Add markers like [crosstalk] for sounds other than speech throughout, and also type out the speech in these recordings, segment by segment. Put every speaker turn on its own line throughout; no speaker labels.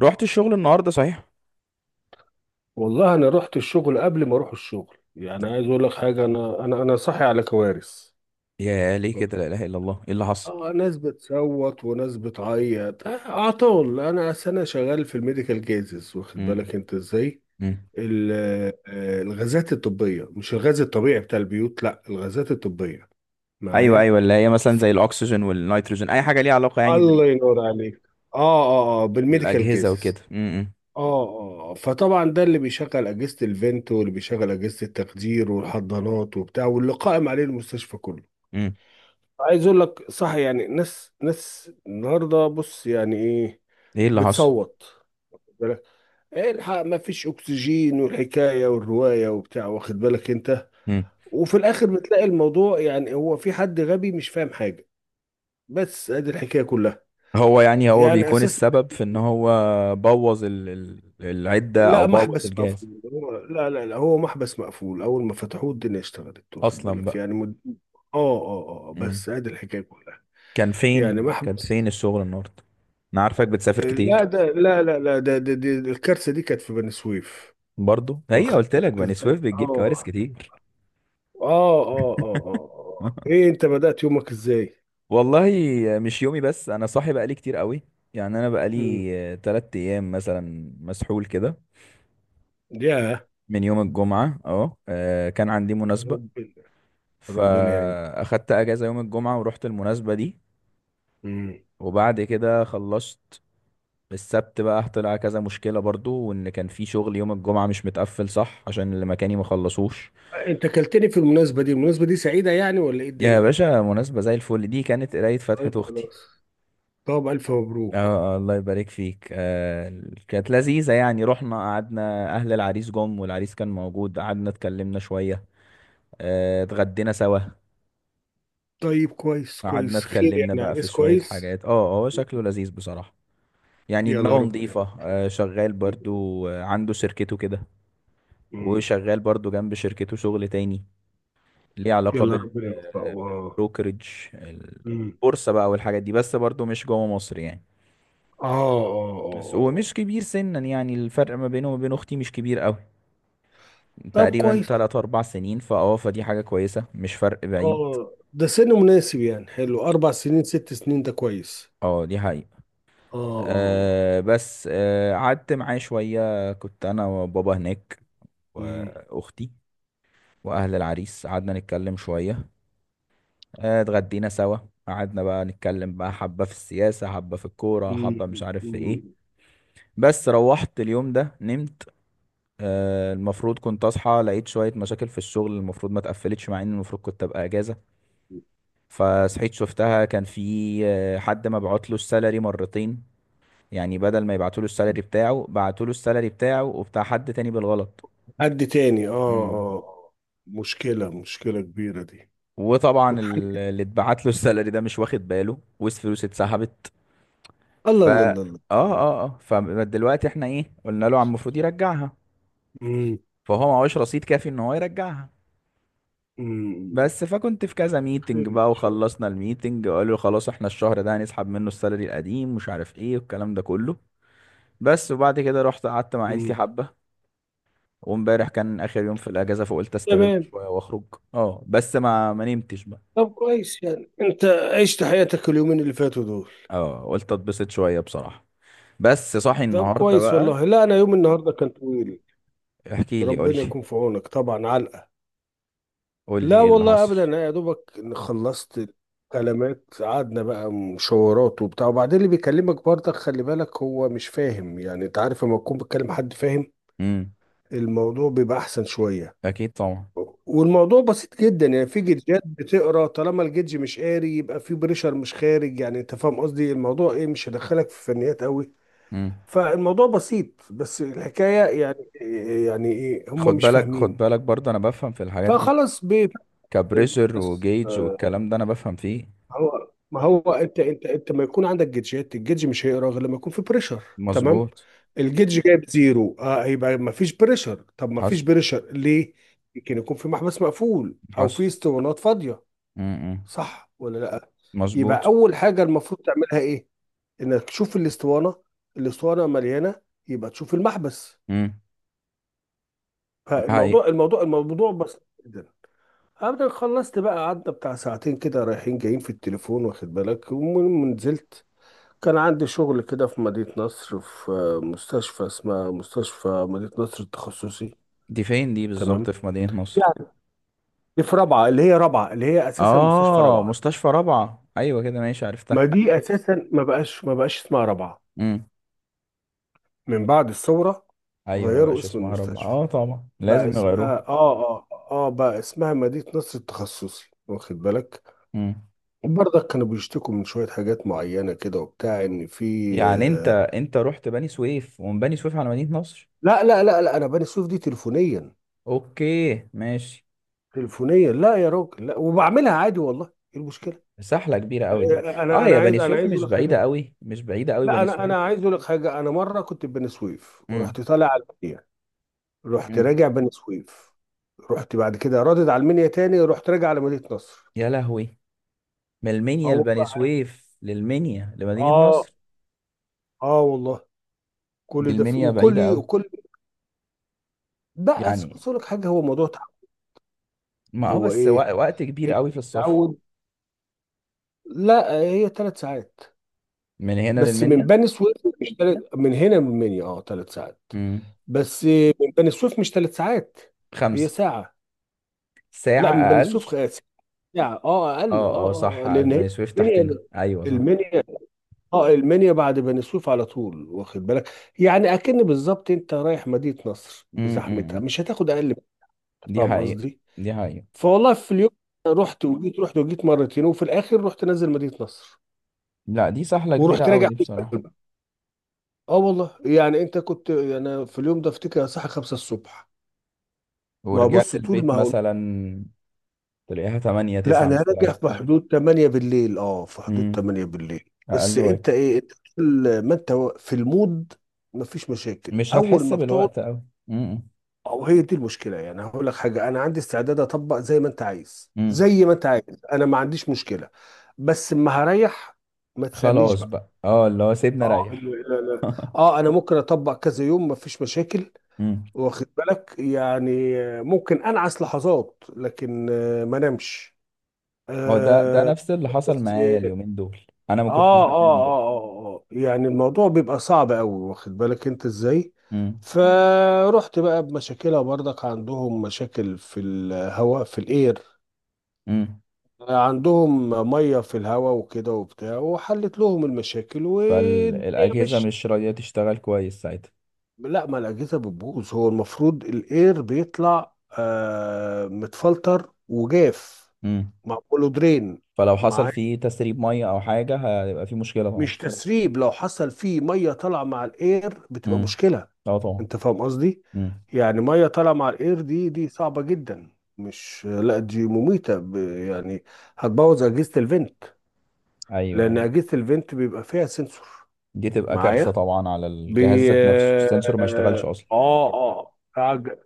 رحت الشغل النهارده، صحيح؟
والله انا رحت الشغل قبل ما اروح الشغل، يعني عايز اقول لك حاجه. انا صاحي على كوارث.
يا ليه كده؟ لا اله الا الله، ايه اللي حصل؟
اه ناس بتصوت وناس بتعيط، اعطال. انا أصل انا شغال في الميديكال جازز، واخد
امم.
بالك انت ازاي.
امم.
ال- الغازات الطبيه، مش الغاز الطبيعي بتاع البيوت، لا، الغازات الطبيه
ايوه،
معايا.
ايوه، اللي هي مثلا
ف-
زي الاكسجين والنيتروجين، اي حاجه ليها علاقه يعني
الله ينور عليك. اه اه بالميديكال
بالاجهزه وكده.
جازز.
امم.
اه اه فطبعا ده اللي بيشغل اجهزه الفنت، واللي بيشغل اجهزه التخدير والحضانات وبتاع، واللي قائم عليه المستشفى كله.
امم.
عايز اقول لك، صح يعني، ناس النهارده، بص يعني ايه،
ايه اللي حصل؟
بتصوت. واخد بالك، ايه الحق، ما فيش اكسجين، والحكايه والروايه وبتاع، واخد بالك انت.
امم.
وفي الاخر بتلاقي الموضوع يعني هو في حد غبي مش فاهم حاجه، بس ادي الحكايه كلها.
هو يعني هو
يعني
بيكون
اساس،
السبب في ان هو بوظ العده او
لا،
بوظ
محبس
الجهاز.
مقفول. هو لا لا لا، هو محبس مقفول. اول ما فتحوه الدنيا اشتغلت، واخد
اصلا
بالك
بقى.
يعني.
امم.
بس ادي الحكايه كلها.
كان فين
يعني
كان فين
محبس.
الشغل النهارده؟ انا عارفك بتسافر كتير.
لا ده، لا لا لا، ده الكارثه دي كانت في بني سويف.
برضو، هي
واخد
قلت لك
بالك
بني
ازاي.
سويف بتجيب كوارث
اه
كتير.
اه اه اه
[laughs]
ايه، انت بدأت يومك ازاي؟
والله، مش يومي بس، انا صاحي بقالي كتير قوي. يعني انا
امم
بقالي 3 ايام مثلا مسحول كده.
يا
من يوم الجمعة، كان عندي مناسبة.
ربنا. ربنا يعين.
فاخدت اجازة يوم الجمعة ورحت المناسبة دي.
امم
وبعد كده خلصت. السبت بقى طلع كذا مشكلة، برضو وان كان في شغل يوم الجمعة مش متقفل صح عشان اللي مكاني ما خلصوش.
انت كلتني في المناسبه دي، المناسبه دي سعيده يعني ولا ايه
يا
الدنيا؟
باشا، مناسبة زي الفل. دي كانت قراية فتحة
طيب،
اختي.
خلاص. طب الف مبروك.
اه، اه، الله يبارك فيك. كانت لذيذة، يعني رحنا قعدنا. أهل العريس جم والعريس كان موجود، قعدنا اتكلمنا شوية. اتغدينا سوا.
طيب كويس،
قعدنا
كويس خير،
اتكلمنا
يعني
بقى في
عريس
شوية
كويس.
حاجات. هو شكله لذيذ بصراحة. يعني
يلا
دماغه
ربنا
نظيفة.
يوفقك.
شغال برضو. عنده شركته كده.
أمم.
وشغال برضو جنب شركته شغل تاني. ليه علاقة
يلا ربنا يوفقه. اه.
بالبروكرج.
أمم.
البورصة بقى والحاجات دي، بس برضو مش جوه مصر يعني.
اه اه
بس
اه
هو
آه.
مش كبير سنا، يعني الفرق ما بينه وما بين أختي مش كبير أوي.
طب
تقريبا
كويس.
تلات أربع سنين، فدي حاجة كويسة، مش فرق بعيد.
اه، ده سن مناسب يعني، حلو. اربع سنين، ست سنين، ده كويس.
اه، دي حقيقة.
اه اه.
بس قعدت معاه شوية. كنت أنا وبابا هناك.
أمم.
وأختي. وأهل العريس. قعدنا نتكلم شوية. اتغدينا سوا. قعدنا بقى نتكلم بقى حبة في السياسة، حبة في الكورة،
أمم.
حبة مش عارف في ايه.
أمم.
بس روحت اليوم ده نمت. المفروض كنت أصحى لقيت شوية مشاكل في الشغل المفروض ما تقفلتش، مع إن المفروض كنت أبقى أجازة. فصحيت شفتها، كان في حد مبعوت له السالري مرتين. يعني بدل ما يبعتوا له السالري بتاعه، بعتوا له السالري بتاعه وبتاع حد تاني بالغلط.
حد تاني،
امم.
مشكلة، مشكلة كبيرة دي.
وطبعا
والحاج-
اللي اتبعت له السالري ده مش واخد باله، والفلوس اتسحبت.
الله
ف
الله
اه
الله. الله.
اه اه فدلوقتي احنا، ايه؟ قلنا له عم المفروض يرجعها.
أمم.
فهو معهوش رصيد كافي ان هو يرجعها.
أمم.
بس فكنت في كذا
خير
ميتنج
ان
بقى،
شاء الله.
وخلصنا الميتنج وقالوا خلاص احنا الشهر ده هنسحب منه السالري القديم، مش عارف ايه والكلام ده كله. بس وبعد كده رحت قعدت مع عيلتي
أمم.
حبة. وامبارح كان اخر يوم في الاجازة، فقلت استغله
تمام.
شوية واخرج. اه، بس ما نمتش بقى.
طب كويس، يعني انت عشت حياتك اليومين اللي فاتوا دول.
اه، قلت اتبسط شوية بصراحة. بس صاحي
طب
النهاردة
كويس.
بقى.
والله لا، انا يوم النهارده كان طويل.
احكي لي، قول
ربنا
لي.
يكون في عونك. طبعا علقه.
قول لي
لا
ايه اللي
والله
حصل.
ابدا، انا يا دوبك إن خلصت كلمات. قعدنا بقى مشاورات وبتاع، وبعدين اللي بيكلمك برضك خلي بالك هو مش فاهم، يعني انت عارف لما تكون بتكلم حد فاهم
امم.
الموضوع بيبقى احسن شويه.
اكيد طبعا.
والموضوع بسيط جدا، يعني في جدجات بتقرا. طالما الجدج مش قاري، يبقى في بريشر مش خارج. يعني انت فاهم قصدي، الموضوع ايه، مش هيدخلك في فنيات قوي.
امم.
فالموضوع بسيط، بس الحكاية يعني، يعني ايه هم
خد
مش
بالك، خد
فاهمين.
بالك، برضه انا بفهم في الحاجات دي.
فخلاص بي-
كبريشر
بس
وجيج والكلام ده انا بفهم فيه.
هو، ما هو انت، انت ما يكون عندك جيتشات. الجيتش مش هيقرا غير لما يكون في بريشر. تمام.
مظبوط.
الجيتش جايب زيرو، اه، يبقى ما فيش بريشر. طب ما فيش
حصل.
بريشر ليه؟ يمكن يكون في محبس مقفول او
حصل.
في اسطوانات فاضية.
امم.
صح ولا لا؟ يبقى
مظبوط.
اول حاجة المفروض تعملها ايه؟ انك تشوف الاسطوانة. الاسطوانة مليانة، يبقى تشوف المحبس.
امم. دي حقيقة.
فالموضوع الموضوع بسيط جدا. ابدا، خلصت بقى، قعدنا بتاع ساعتين كده رايحين جايين في التليفون، واخد بالك. المهم نزلت، كان عندي شغل كده في مدينة نصر، في مستشفى، اسمها مستشفى مدينة نصر التخصصي.
دي فين دي بالظبط؟
تمام.
في مدينة نصر؟
يعني دي في رابعة، اللي هي رابعة، اللي هي اساسا مستشفى
اه،
رابعة.
مستشفى رابعة. ايوه كده، ماشي
ما
عرفتها.
دي اساسا ما بقاش اسمها رابعة.
امم.
من بعد الثورة
ايوه، ما
غيروا
بقاش
اسم
اسمها رابعة.
المستشفى.
اه، طبعا
بقى
لازم يغيروها.
اسمها بقى اسمها مدينة نصر التخصصي، واخد بالك.
امم.
برضك كانوا بيشتكوا من شوية حاجات معينة كده وبتاع إن في،
يعني انت
آه،
انت رحت بني سويف، ومن بني سويف على مدينة نصر؟
لا لا لا لا، أنا بني سويف دي تليفونيا.
اوكي ماشي.
تليفونيا، لا يا راجل، لا، وبعملها عادي، والله إيه المشكلة.
سحلة كبيرة قوي
آه،
دي.
أنا
اه،
أنا
يا بني
عايز، أنا
سويف
عايز أقول
مش
لك
بعيدة
حاجة.
قوي، مش بعيدة قوي
لا،
بني
أنا
سويف.
أنا عايز أقول لك حاجة. أنا مرة كنت في بني سويف
امم.
ورحت طالع على المنيا. رحت
امم.
راجع بني سويف، رحت بعد كده رادد على المنيا تاني، رحت راجع على مدينة نصر.
يا لهوي! من
اه
المنيا لبني
والله.
سويف للمنيا لمدينة
اه
نصر.
اه والله.
دي
كل ده في،
المنيا بعيدة
وكل
قوي.
وكل. بقى أصل
يعني،
بص أقول لك حاجة، هو موضوع تعود.
ما
هو
بس
إيه،
وقت كبير
انت
قوي في السفر.
بتتعود. لا، هي ثلاث ساعات
من هنا
بس من
للمنيا؟
بني سويف. مش تلت، من هنا من منيا، اه، ثلاث ساعات
امم.
بس. من بني سويف مش ثلاث ساعات، هي
خمسة.
ساعة.
ساعة
لا، من بني
أقل.
سويف ساعة، اه، اقل.
اه اه، صح،
لان هي
بني سويف
منيا،
تحتنا، أيوة صح.
المنيا، اه، المنيا بعد بني سويف على طول، واخد بالك. يعني اكن بالظبط انت رايح مدينة نصر بزحمتها،
امم.
مش هتاخد اقل من كده.
دي
فاهم
حقيقة.
قصدي.
دي حقيقة.
فوالله في اليوم، رحت وجيت، رحت وجيت مرتين، وفي الاخر رحت نازل مدينة نصر
لا، دي سهلة كبيرة
ورحت
أوي
راجع.
دي بصراحة.
اه والله. يعني انت كنت، انا في اليوم ده افتكر الساعه 5 الصبح. ما هو
ورجعت
بص، طول
البيت
ما هو،
مثلا؟ تلاقيها تمانية
لا
تسعة
انا راجع
مستريح.
في حدود 8 بالليل، اه، في حدود
امم.
8 بالليل. بس
أقل
انت
وجه.
ايه، انت كل ما انت في المود مفيش مشاكل
مش
اول
هتحس
ما بتقعد.
بالوقت أوي. امم.
او هي دي المشكله، يعني هقول لك حاجه، انا عندي استعداد اطبق زي ما انت عايز،
امم.
زي ما انت عايز. انا ما عنديش مشكله. بس اما هريح، ما تسالنيش
خلاص
بقى.
بقى. اه اللي هو، سيبنا
اه لا
ريح.
لا لا. اه، انا ممكن اطبق كذا يوم مفيش مشاكل،
[laughs] امم.
واخد بالك يعني. ممكن انعس لحظات لكن ما نمش.
هو ده
آه.
نفس اللي حصل
بس
معايا اليومين دول. أنا ما كنتش بنام برضه.
يعني الموضوع بيبقى صعب قوي، واخد بالك انت ازاي.
امم.
فرحت بقى بمشاكلها. برضك عندهم مشاكل في الهواء، في الاير.
امم.
عندهم ميه في الهواء وكده وبتاع، وحلت لهم المشاكل والدنيا
فالأجهزة
مشيت.
مش راضية تشتغل كويس ساعتها.
لا، ما الأجهزة بتبوظ. هو المفروض الاير بيطلع آه متفلتر وجاف، معموله درين.
فلو حصل
مع،
فيه تسريب ميه او حاجه. هيبقى فيه مشكله طبعا.
مش تسريب، لو حصل فيه مية طالعة مع الاير بتبقى
امم.
مشكلة.
اه، طبعا.
انت فاهم قصدي،
امم.
يعني مية طالعة مع الاير دي، دي صعبة جدا. مش لا دي مميتة. يعني هتبوظ أجهزة الفنت.
ايوه،
لأن
ايوه،
أجهزة الفنت بيبقى فيها سنسور
دي تبقى كارثه
معايا.
طبعا على الجهاز
بي
ذات نفسه،
اه
السنسور ما يشتغلش اصلا.
اه آه، عج-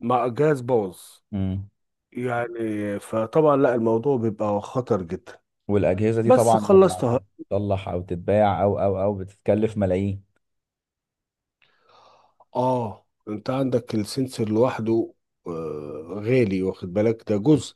مع جهاز بوظ.
امم.
يعني فطبعا، لا الموضوع بيبقى خطر جدا.
والاجهزه دي
بس
طبعا لما
خلصتها.
عشان تصلح او تتباع او بتتكلف ملايين.
اه، انت عندك السنسور لوحده آه غالي، واخد بالك، ده جزء.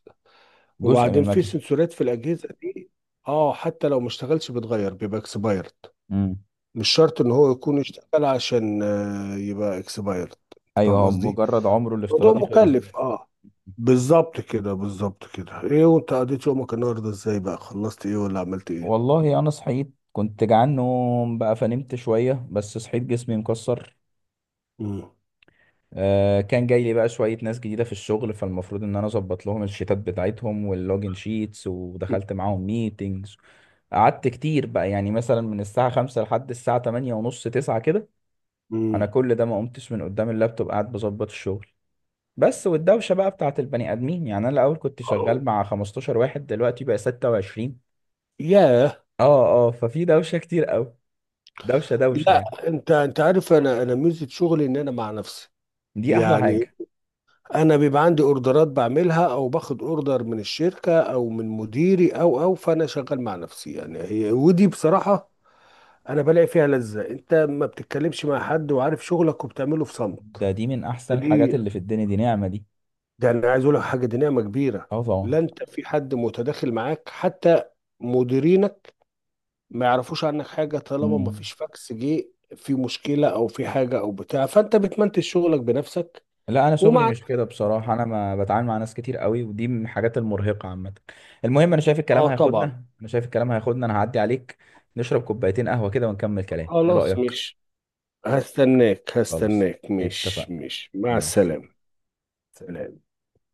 جزء من
وبعدين في
المكنه.
سنسورات في الاجهزه دي. اه، حتى لو ما اشتغلش بتغير، بيبقى اكسبايرد.
امم.
مش شرط ان هو يكون اشتغل عشان يبقى اكسبايرد.
ايوه،
فاهم
هو
قصدي.
مجرد عمره
موضوع
الافتراضي خلص.
مكلف، اه. بالظبط كده، بالظبط كده. ايه، وانت قضيت يومك النهارده ازاي بقى، خلصت ايه ولا عملت ايه.
والله انا صحيت كنت جعان نوم بقى، فنمت شويه بس صحيت جسمي مكسر.
امم.
كان جاي لي بقى شوية ناس جديدة في الشغل، فالمفروض ان انا اظبط لهم الشيتات بتاعتهم واللوجن شيتس، ودخلت معاهم ميتينجز. قعدت كتير بقى، يعني مثلا من الساعة 5 لحد الساعة تمانية ونص تسعة كده. انا
امم.
كل ده ما قمتش من قدام اللابتوب، قاعد بظبط الشغل. بس والدوشة بقى بتاعت البني ادمين، يعني انا الاول كنت شغال مع 15 واحد، دلوقتي بقى 26.
ياه.
اه اه، ففي دوشة كتير قوي. دوشة دوشة يعني.
لا، انت انت عارف، انا ميزه شغلي ان انا مع نفسي،
دي احلى
يعني.
حاجة.
انا بيبقى عندي اوردرات بعملها، او باخد اوردر من الشركه او من مديري، او فانا شغال مع نفسي يعني، هي، ودي بصراحه انا بلاقي فيها لذه. انت ما بتتكلمش مع حد، وعارف شغلك وبتعمله في صمت.
ده دي من احسن الحاجات
دي،
اللي في الدنيا، دي نعمة دي.
ده انا عايز اقول لك حاجه، دي نعمه كبيره.
اه، طبعا.
لا، انت في حد متداخل معاك حتى. مديرينك ما يعرفوش عنك حاجة طالما ما
مم.
فيش فاكس جه، في مشكلة أو في حاجة أو بتاع. فأنت بتمنتج شغلك بنفسك.
لا، انا شغلي
ومع،
مش كده بصراحه، انا ما بتعامل مع ناس كتير قوي، ودي من الحاجات المرهقه عامه. المهم، انا شايف الكلام
آه طبعا.
هياخدنا، انا شايف الكلام هياخدنا، انا هعدي عليك. نشرب كوبايتين قهوه كده ونكمل كلام، ايه
خلاص،
رايك؟
مش، هستناك،
خلاص،
هستناك، مش،
اتفقنا.
مش، مع
مع
السلامة.
السلامه.
سلام.